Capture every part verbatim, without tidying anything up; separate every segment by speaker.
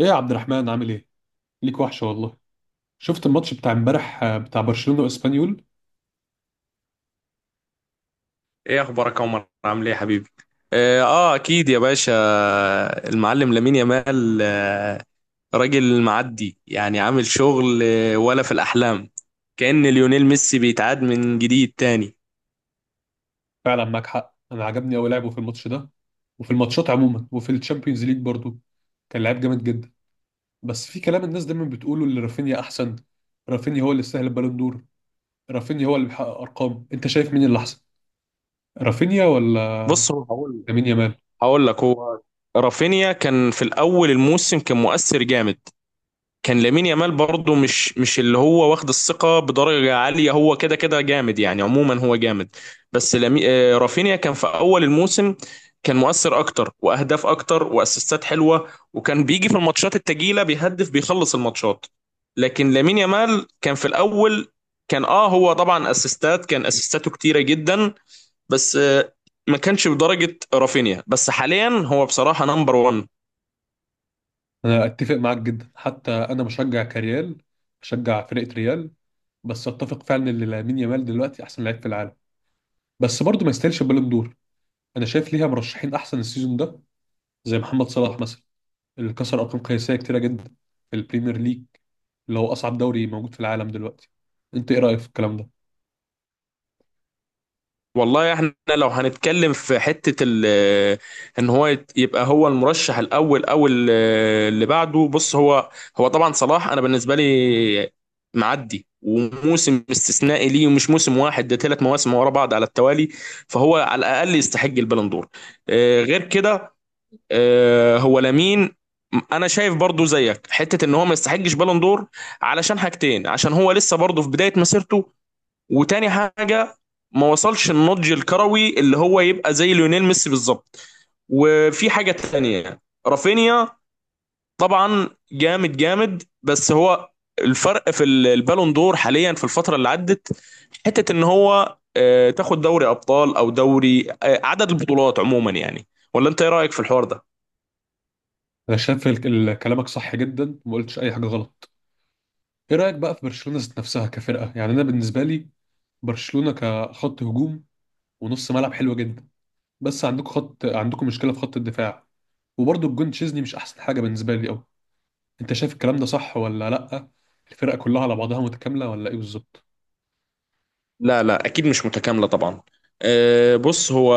Speaker 1: ايه يا عبد الرحمن عامل ايه؟ ليك وحشة والله. شفت الماتش بتاع امبارح آه، بتاع برشلونة واسبانيول.
Speaker 2: ايه اخبارك يا عمر؟ عامل ايه يا حبيبي؟ اه آه، اكيد يا باشا. المعلم لامين يامال، آه، راجل معدي يعني، عامل شغل آه، ولا في الاحلام؟ كأن ليونيل ميسي بيتعاد من جديد تاني.
Speaker 1: فعلا معاك حق، انا عجبني قوي لعبه في الماتش ده وفي الماتشات عموما وفي الشامبيونز ليج برضو. كان لعيب جامد جدا، بس في كلام الناس دايما بتقوله ان رافينيا احسن. رافينيا هو اللي يستاهل البالون دور، رافينيا هو اللي بيحقق ارقام. انت شايف مين اللي احسن، رافينيا ولا
Speaker 2: بص، هو هقول
Speaker 1: لامين يامال؟
Speaker 2: هقول لك. هو رافينيا كان في الاول الموسم، كان مؤثر جامد. كان لامين يامال برضه مش مش اللي هو واخد الثقه بدرجه عاليه، هو كده كده جامد يعني، عموما هو جامد. بس لامي... آه، رافينيا كان في اول الموسم، كان مؤثر اكتر واهداف اكتر واسيستات حلوه، وكان بيجي في الماتشات التقيله بيهدف بيخلص الماتشات. لكن لامين يامال كان في الاول، كان اه هو طبعا اسيستات، كان اسيستاته كتيره جدا، بس آه، ما كانش بدرجه رافينيا. بس حاليا هو بصراحه نمبر واحد.
Speaker 1: انا اتفق معاك جدا، حتى انا مشجع كريال، بشجع فرقة ريال، بس اتفق فعلا ان لامين يامال دلوقتي احسن لعيب في العالم، بس برضه ما يستاهلش البالون دور. انا شايف ليها مرشحين احسن السيزون ده، زي محمد صلاح مثلا، اللي كسر ارقام قياسيه كتيره جدا في البريمير ليج، اللي هو اصعب دوري موجود في العالم دلوقتي. انت ايه رايك في الكلام ده؟
Speaker 2: والله احنا لو هنتكلم في حتة ال آه، ان هو يت- يبقى هو المرشح الاول، او ال- آه، اللي بعده، بص هو، هو طبعا صلاح انا بالنسبة لي معدي، وموسم استثنائي ليه، ومش موسم واحد، ده ثلاث مواسم ورا بعض على التوالي، فهو على الاقل يستحق البالون دور. آه، غير كده، آه، هو لامين، انا شايف برضو زيك حتة ان هو ما يستحقش بالون دور علشان حاجتين: عشان هو لسه برضو في بداية مسيرته، وتاني حاجه ما وصلش النضج الكروي اللي هو يبقى زي ليونيل ميسي بالظبط. وفي حاجه تانيه، رافينيا طبعا جامد جامد، بس هو الفرق في ال- البالون دور حاليا في الفتره اللي عدت، حته ان هو آه، تاخد دوري ابطال، او دوري، آه، عدد البطولات عموما يعني. ولا انت ايه رايك في الحوار ده؟
Speaker 1: انا شايف ال- ال- كلامك صح جدا، وما قلتش اي حاجه غلط. ايه رايك بقى في برشلونه ذات نفسها كفرقه؟ يعني انا بالنسبه لي برشلونه كخط هجوم ونص ملعب حلو جدا، بس عندكم خط، عندكم مشكله في خط الدفاع، وبرضه الجون تشيزني مش احسن حاجه بالنسبه لي قوي. انت شايف الكلام ده صح ولا لا؟ الفرقه كلها على بعضها متكامله ولا ايه بالظبط؟
Speaker 2: لا لا، اكيد مش متكامله طبعا. آه، بص، هو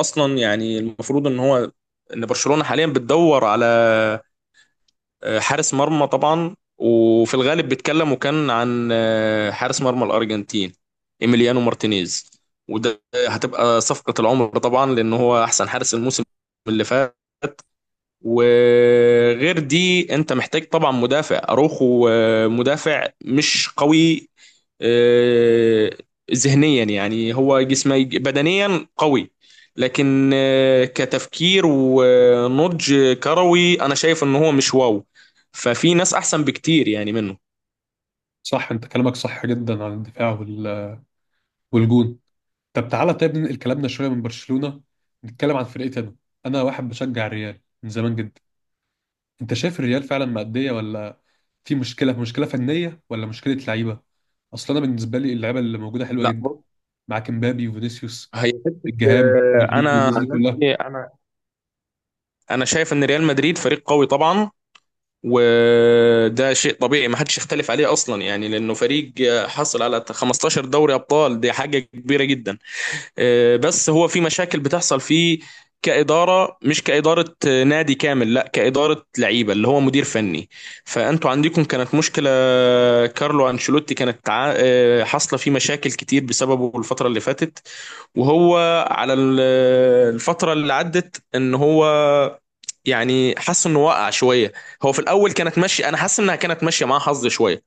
Speaker 2: اصلا يعني المفروض ان هو، ان برشلونه حاليا بتدور على آه، حارس مرمى طبعا، وفي الغالب بيتكلم وكان عن آه، حارس مرمى الأرجنتين إيميليانو مارتينيز، وده هتبقى صفقة العمر طبعا، لأن هو أحسن حارس الموسم اللي فات. وغير دي، انت محتاج طبعا مدافع. اروخو آه، مدافع مش قوي آه، ذهنيا، يعني هو جسمه بدنيا قوي، لكن آه، كتفكير ونضج كروي انا شايف ان هو مش واو، ففي ناس احسن بكتير يعني منه.
Speaker 1: صح، انت كلامك صح جدا عن الدفاع وال... والجون. طب تعالى طيب ننقل كلامنا شويه من برشلونه، نتكلم عن فرقتي انا. انا واحد بشجع الريال من زمان جدا. انت شايف الريال فعلا مأديه ولا في مشكله، مشكله فنيه ولا مشكله لعيبه؟ اصلا انا بالنسبه لي اللعيبه اللي موجوده حلوه
Speaker 2: لا
Speaker 1: جدا،
Speaker 2: بص،
Speaker 1: معاك امبابي وفينيسيوس
Speaker 2: هي حته
Speaker 1: الجهام
Speaker 2: آه،
Speaker 1: رودريجو
Speaker 2: انا
Speaker 1: الناس دي
Speaker 2: عن
Speaker 1: كلها.
Speaker 2: نفسي، انا انا شايف ان ريال مدريد فريق قوي طبعا، وده شيء طبيعي ما حدش يختلف عليه اصلا يعني، لانه فريق حصل على خمستاشر دوري ابطال، دي حاجه كبيره جدا. آه، بس هو في مشاكل بتحصل فيه، كاداره، مش كاداره آه، نادي كامل، لا كاداره لعيبه، اللي هو مدير فني. فانتوا عندكم كانت مشكله، كارلو انشيلوتي كانت تع- آه، حاصله فيه مشاكل كتير بسببه الفتره اللي فاتت. وهو على ال- الفترة اللي عدت، ان هو يعني حس انه وقع شوية. هو في الاول كانت ماشية، انا حاسس انها كانت ماشية معاه حظ شوية،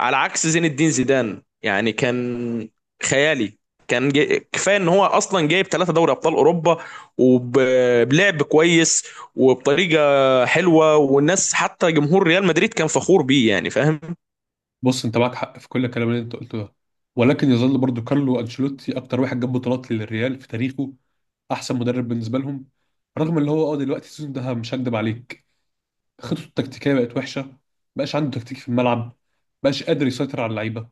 Speaker 2: على عكس زين الدين زيدان يعني، كان خيالي. كان جاي كفاية ان هو اصلا جايب ثلاثة دوري ابطال اوروبا، وبلعب كويس وبطريقة حلوة، والناس حتى جمهور ريال مدريد كان فخور بيه يعني، فاهم.
Speaker 1: بص، انت معاك حق في كل الكلام اللي انت قلته ده، ولكن يظل برضو كارلو انشيلوتي اكتر واحد جاب بطولات للريال في تاريخه، احسن مدرب بالنسبه لهم، رغم اللي هو اه دلوقتي السيزون ده، مش هكدب عليك، خطته التكتيكيه بقت وحشه، مبقاش عنده تكتيك في الملعب، مبقاش قادر يسيطر على اللعيبه.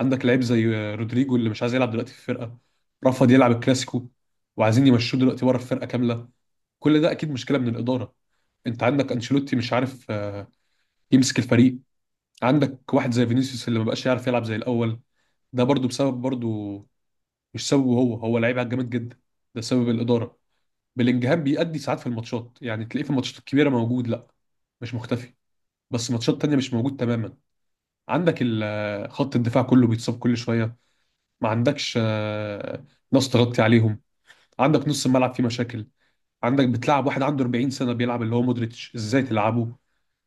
Speaker 1: عندك لعيب زي آه، رودريجو اللي مش عايز يلعب دلوقتي في الفرقه، رفض يلعب الكلاسيكو، وعايزين يمشوه دلوقتي ورا الفرقه كامله. كل ده اكيد مشكله من الاداره. انت عندك انشيلوتي مش عارف آه، يمسك الفريق. عندك واحد زي فينيسيوس اللي مبقاش يعرف يلعب زي الاول، ده برضو بسبب برضو، مش سببه هو، هو لعيب جامد جدا، ده سبب الاداره. بلينجهام بيأدي ساعات في الماتشات، يعني تلاقيه في الماتشات الكبيره موجود، لا مش مختفي، بس ماتشات تانية مش موجود تماما. عندك ال- آه، خط الدفاع كله بيتصاب كل شويه، ما عندكش آه، ناس تغطي عليهم. عندك نص الملعب فيه مشاكل، عندك بتلعب واحد عنده أربعين سنه بيلعب اللي هو مودريتش، ازاي تلعبه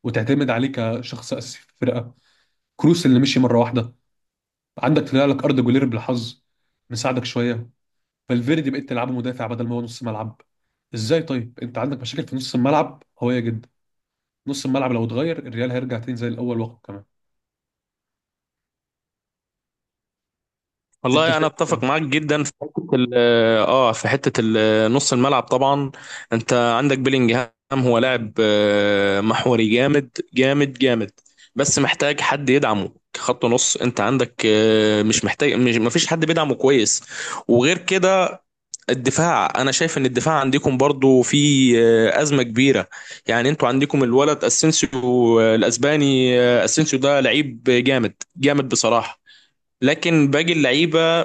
Speaker 1: وتعتمد عليه كشخص اساسي في الفرقه؟ كروس اللي مشي مره واحده، عندك طلع لك اردا جولير بالحظ مساعدك شويه، فالفيردي بقيت تلعبه مدافع بدل ما هو نص ملعب. ازاي طيب؟ انت عندك مشاكل في نص الملعب قويه جدا. نص الملعب لو اتغير الريال هيرجع تاني زي الاول وقت كمان. انت
Speaker 2: والله انا
Speaker 1: شايف
Speaker 2: اتفق
Speaker 1: إيه؟
Speaker 2: معاك جدا في حته ال- اه آه، في حته ال- نص الملعب طبعا. انت عندك بيلينجهام هو لاعب آه، محوري جامد جامد جامد، بس محتاج حد يدعمه كخط نص. انت عندك آه، مش محتاج مش مفيش حد بيدعمه كويس. وغير كده، الدفاع، انا شايف ان الدفاع عندكم برضو في آه، ازمه كبيره. يعني انتوا عندكم الولد اسينسيو، آه، الاسباني، آه، اسينسيو ده لعيب جامد جامد بصراحه، لكن باقي اللعيبه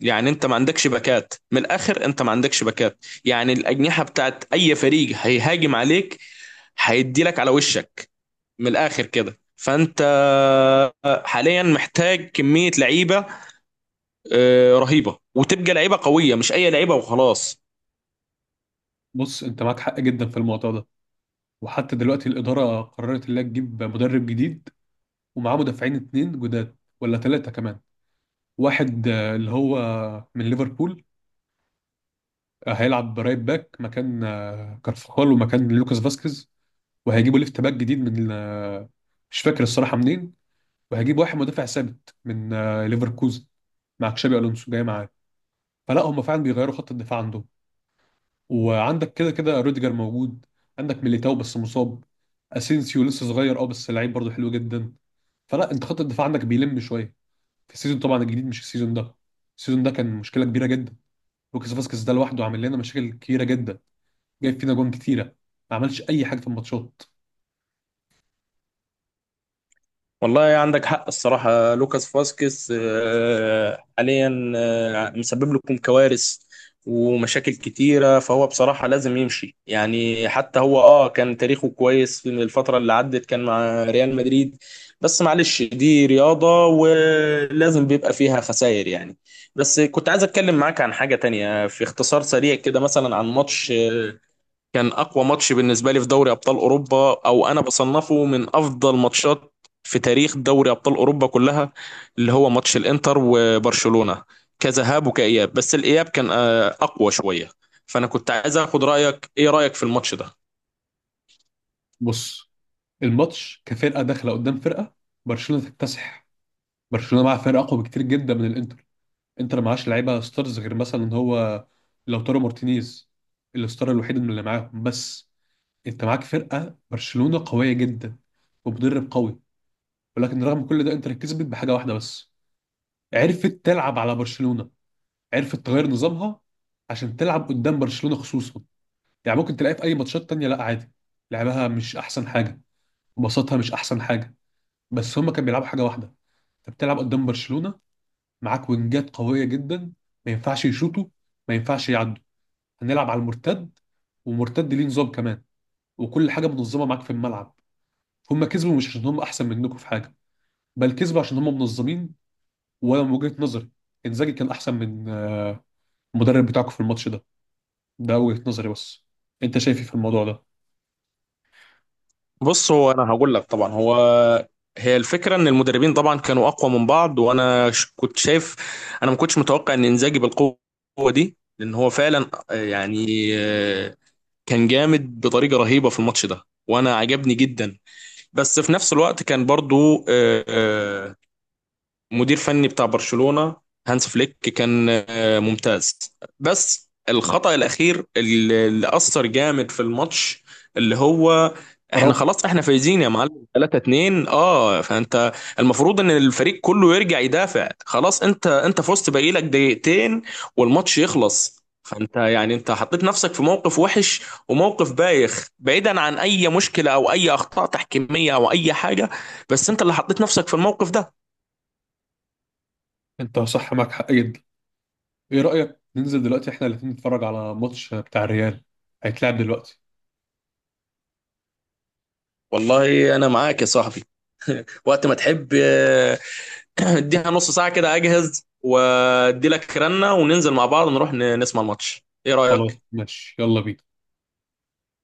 Speaker 2: يعني انت ما عندكش باكات. من الاخر انت ما عندكش باكات، يعني الاجنحه بتاعت اي فريق هيهاجم عليك هيدي لك على وشك من الاخر كده. فانت حاليا محتاج كميه لعيبه آه، رهيبه، وتبقى لعيبه قويه مش اي لعيبه وخلاص.
Speaker 1: بص، انت معاك حق جدا في الموضوع ده، وحتى دلوقتي الاداره قررت انها تجيب مدرب جديد، ومعاه مدافعين اتنين جداد ولا ثلاثه كمان. واحد آه، اللي هو من ليفربول، آه، هيلعب رايت باك مكان آه، كارفخال ومكان لوكاس فاسكيز. وهيجيبوا ليفت باك جديد من آه، مش فاكر الصراحه منين. وهيجيب واحد مدافع ثابت من آه، ليفركوزن مع تشابي الونسو جاي معاه. فلا هم فعلا بيغيروا خط الدفاع عندهم. وعندك كده كده روديجر موجود، عندك ميليتاو بس مصاب، اسينسيو لسه صغير اه بس لعيب برضه حلو جدا. فلا انت خط الدفاع عندك بيلم شويه في السيزون طبعا الجديد، مش السيزون ده. السيزون ده كان مشكله كبيره جدا. لوكاس فاسكيز ده لوحده عامل لنا مشاكل كبيره جدا، جايب فينا جون كتيره، ما عملش اي حاجه في الماتشات.
Speaker 2: والله عندك حق. الصراحة لوكاس فاسكيز آه، حاليا آه، مسبب لكم كوارث ومشاكل كتيرة، فهو بصراحة لازم يمشي يعني. حتى هو اه كان تاريخه كويس في الفترة اللي عدت كان مع ريال مدريد، بس معلش، دي رياضة ولازم بيبقى فيها خسائر يعني. بس كنت عايز اتكلم معاك عن حاجة تانية في اختصار سريع كده، مثلا عن ماتش آه، كان اقوى ماتش بالنسبه لي في دوري ابطال اوروبا، او انا بصنفه من افضل ماتشات في تاريخ دوري ابطال اوروبا كلها، اللي هو ماتش الانتر وبرشلونه، كذهاب وكاياب. بس الاياب كان آه، اقوى شويه. فانا كنت عايز اخد رايك، ايه رايك في الماتش ده؟
Speaker 1: بص، الماتش كفرقه داخله قدام فرقه، برشلونه تكتسح. برشلونه معاها فرقه اقوى بكتير جدا من الانتر. انتر معاش لعيبه ستارز، غير مثلا ان هو لوتارو مارتينيز الستار الوحيد من اللي معاهم بس. انت معاك فرقه برشلونه قويه جدا ومدرب قوي، ولكن رغم كل ده انتر كسبت بحاجه واحده بس، عرفت تلعب على برشلونه، عرفت تغير نظامها عشان تلعب قدام برشلونه خصوصا. يعني ممكن تلاقيها في اي ماتشات تانية لا عادي، لعبها مش احسن حاجه وبساطها مش احسن حاجه، بس هما كانوا بيلعبوا حاجه واحده. انت بتلعب قدام برشلونه معاك وينجات قويه جدا، ما ينفعش يشوطوا، ما ينفعش يعدوا، هنلعب على المرتد، ومرتد ليه نظام كمان، وكل حاجه منظمه معاك في الملعب. هم كسبوا مش عشان هم احسن منكم في حاجه، بل كسبوا عشان هم منظمين. وانا من وجهه نظري انزاجي كان احسن من آه، المدرب بتاعكم في الماتش ده. ده وجهه نظري بس، انت شايف ايه في الموضوع ده؟
Speaker 2: بص، هو انا هقول لك طبعا، هو، هي الفكره ان المدربين طبعا كانوا اقوى من بعض، وانا ش- كنت شايف انا ما كنتش متوقع ان انزاجي بالقوه دي، لان هو فعلا آه، يعني كان جامد بطريقه رهيبه في الماتش ده، وانا عجبني جدا. بس في نفس الوقت كان برضو آه، آه، مدير فني بتاع برشلونة هانس فليك كان آه، ممتاز. بس الخطأ الأخير، اللي اللي أثر جامد في الماتش، اللي هو احنا
Speaker 1: اراوخو.
Speaker 2: خلاص، احنا فايزين يا معلم ثلاثة اتنين، اه فانت المفروض ان الفريق كله يرجع يدافع خلاص، انت انت فزت، باقي لك دقيقتين والماتش يخلص. فانت يعني انت حطيت نفسك في موقف وحش، وموقف بايخ بعيدا عن اي مشكلة او اي اخطاء تحكيمية او اي حاجة. بس انت اللي حطيت نفسك في الموقف ده.
Speaker 1: انت صح، معاك حق جدا. ايه رايك ننزل دلوقتي احنا الاثنين نتفرج على ماتش بتاع الريال هيتلعب دلوقتي؟
Speaker 2: والله انا معاك يا صاحبي، وقت ما تحب. آه، اديها نص ساعة كده، اجهز وادي لك رنة، وننزل مع بعض نروح ن- نسمع الماتش. ايه
Speaker 1: خلاص
Speaker 2: رأيك؟
Speaker 1: ماشي، يلا بينا.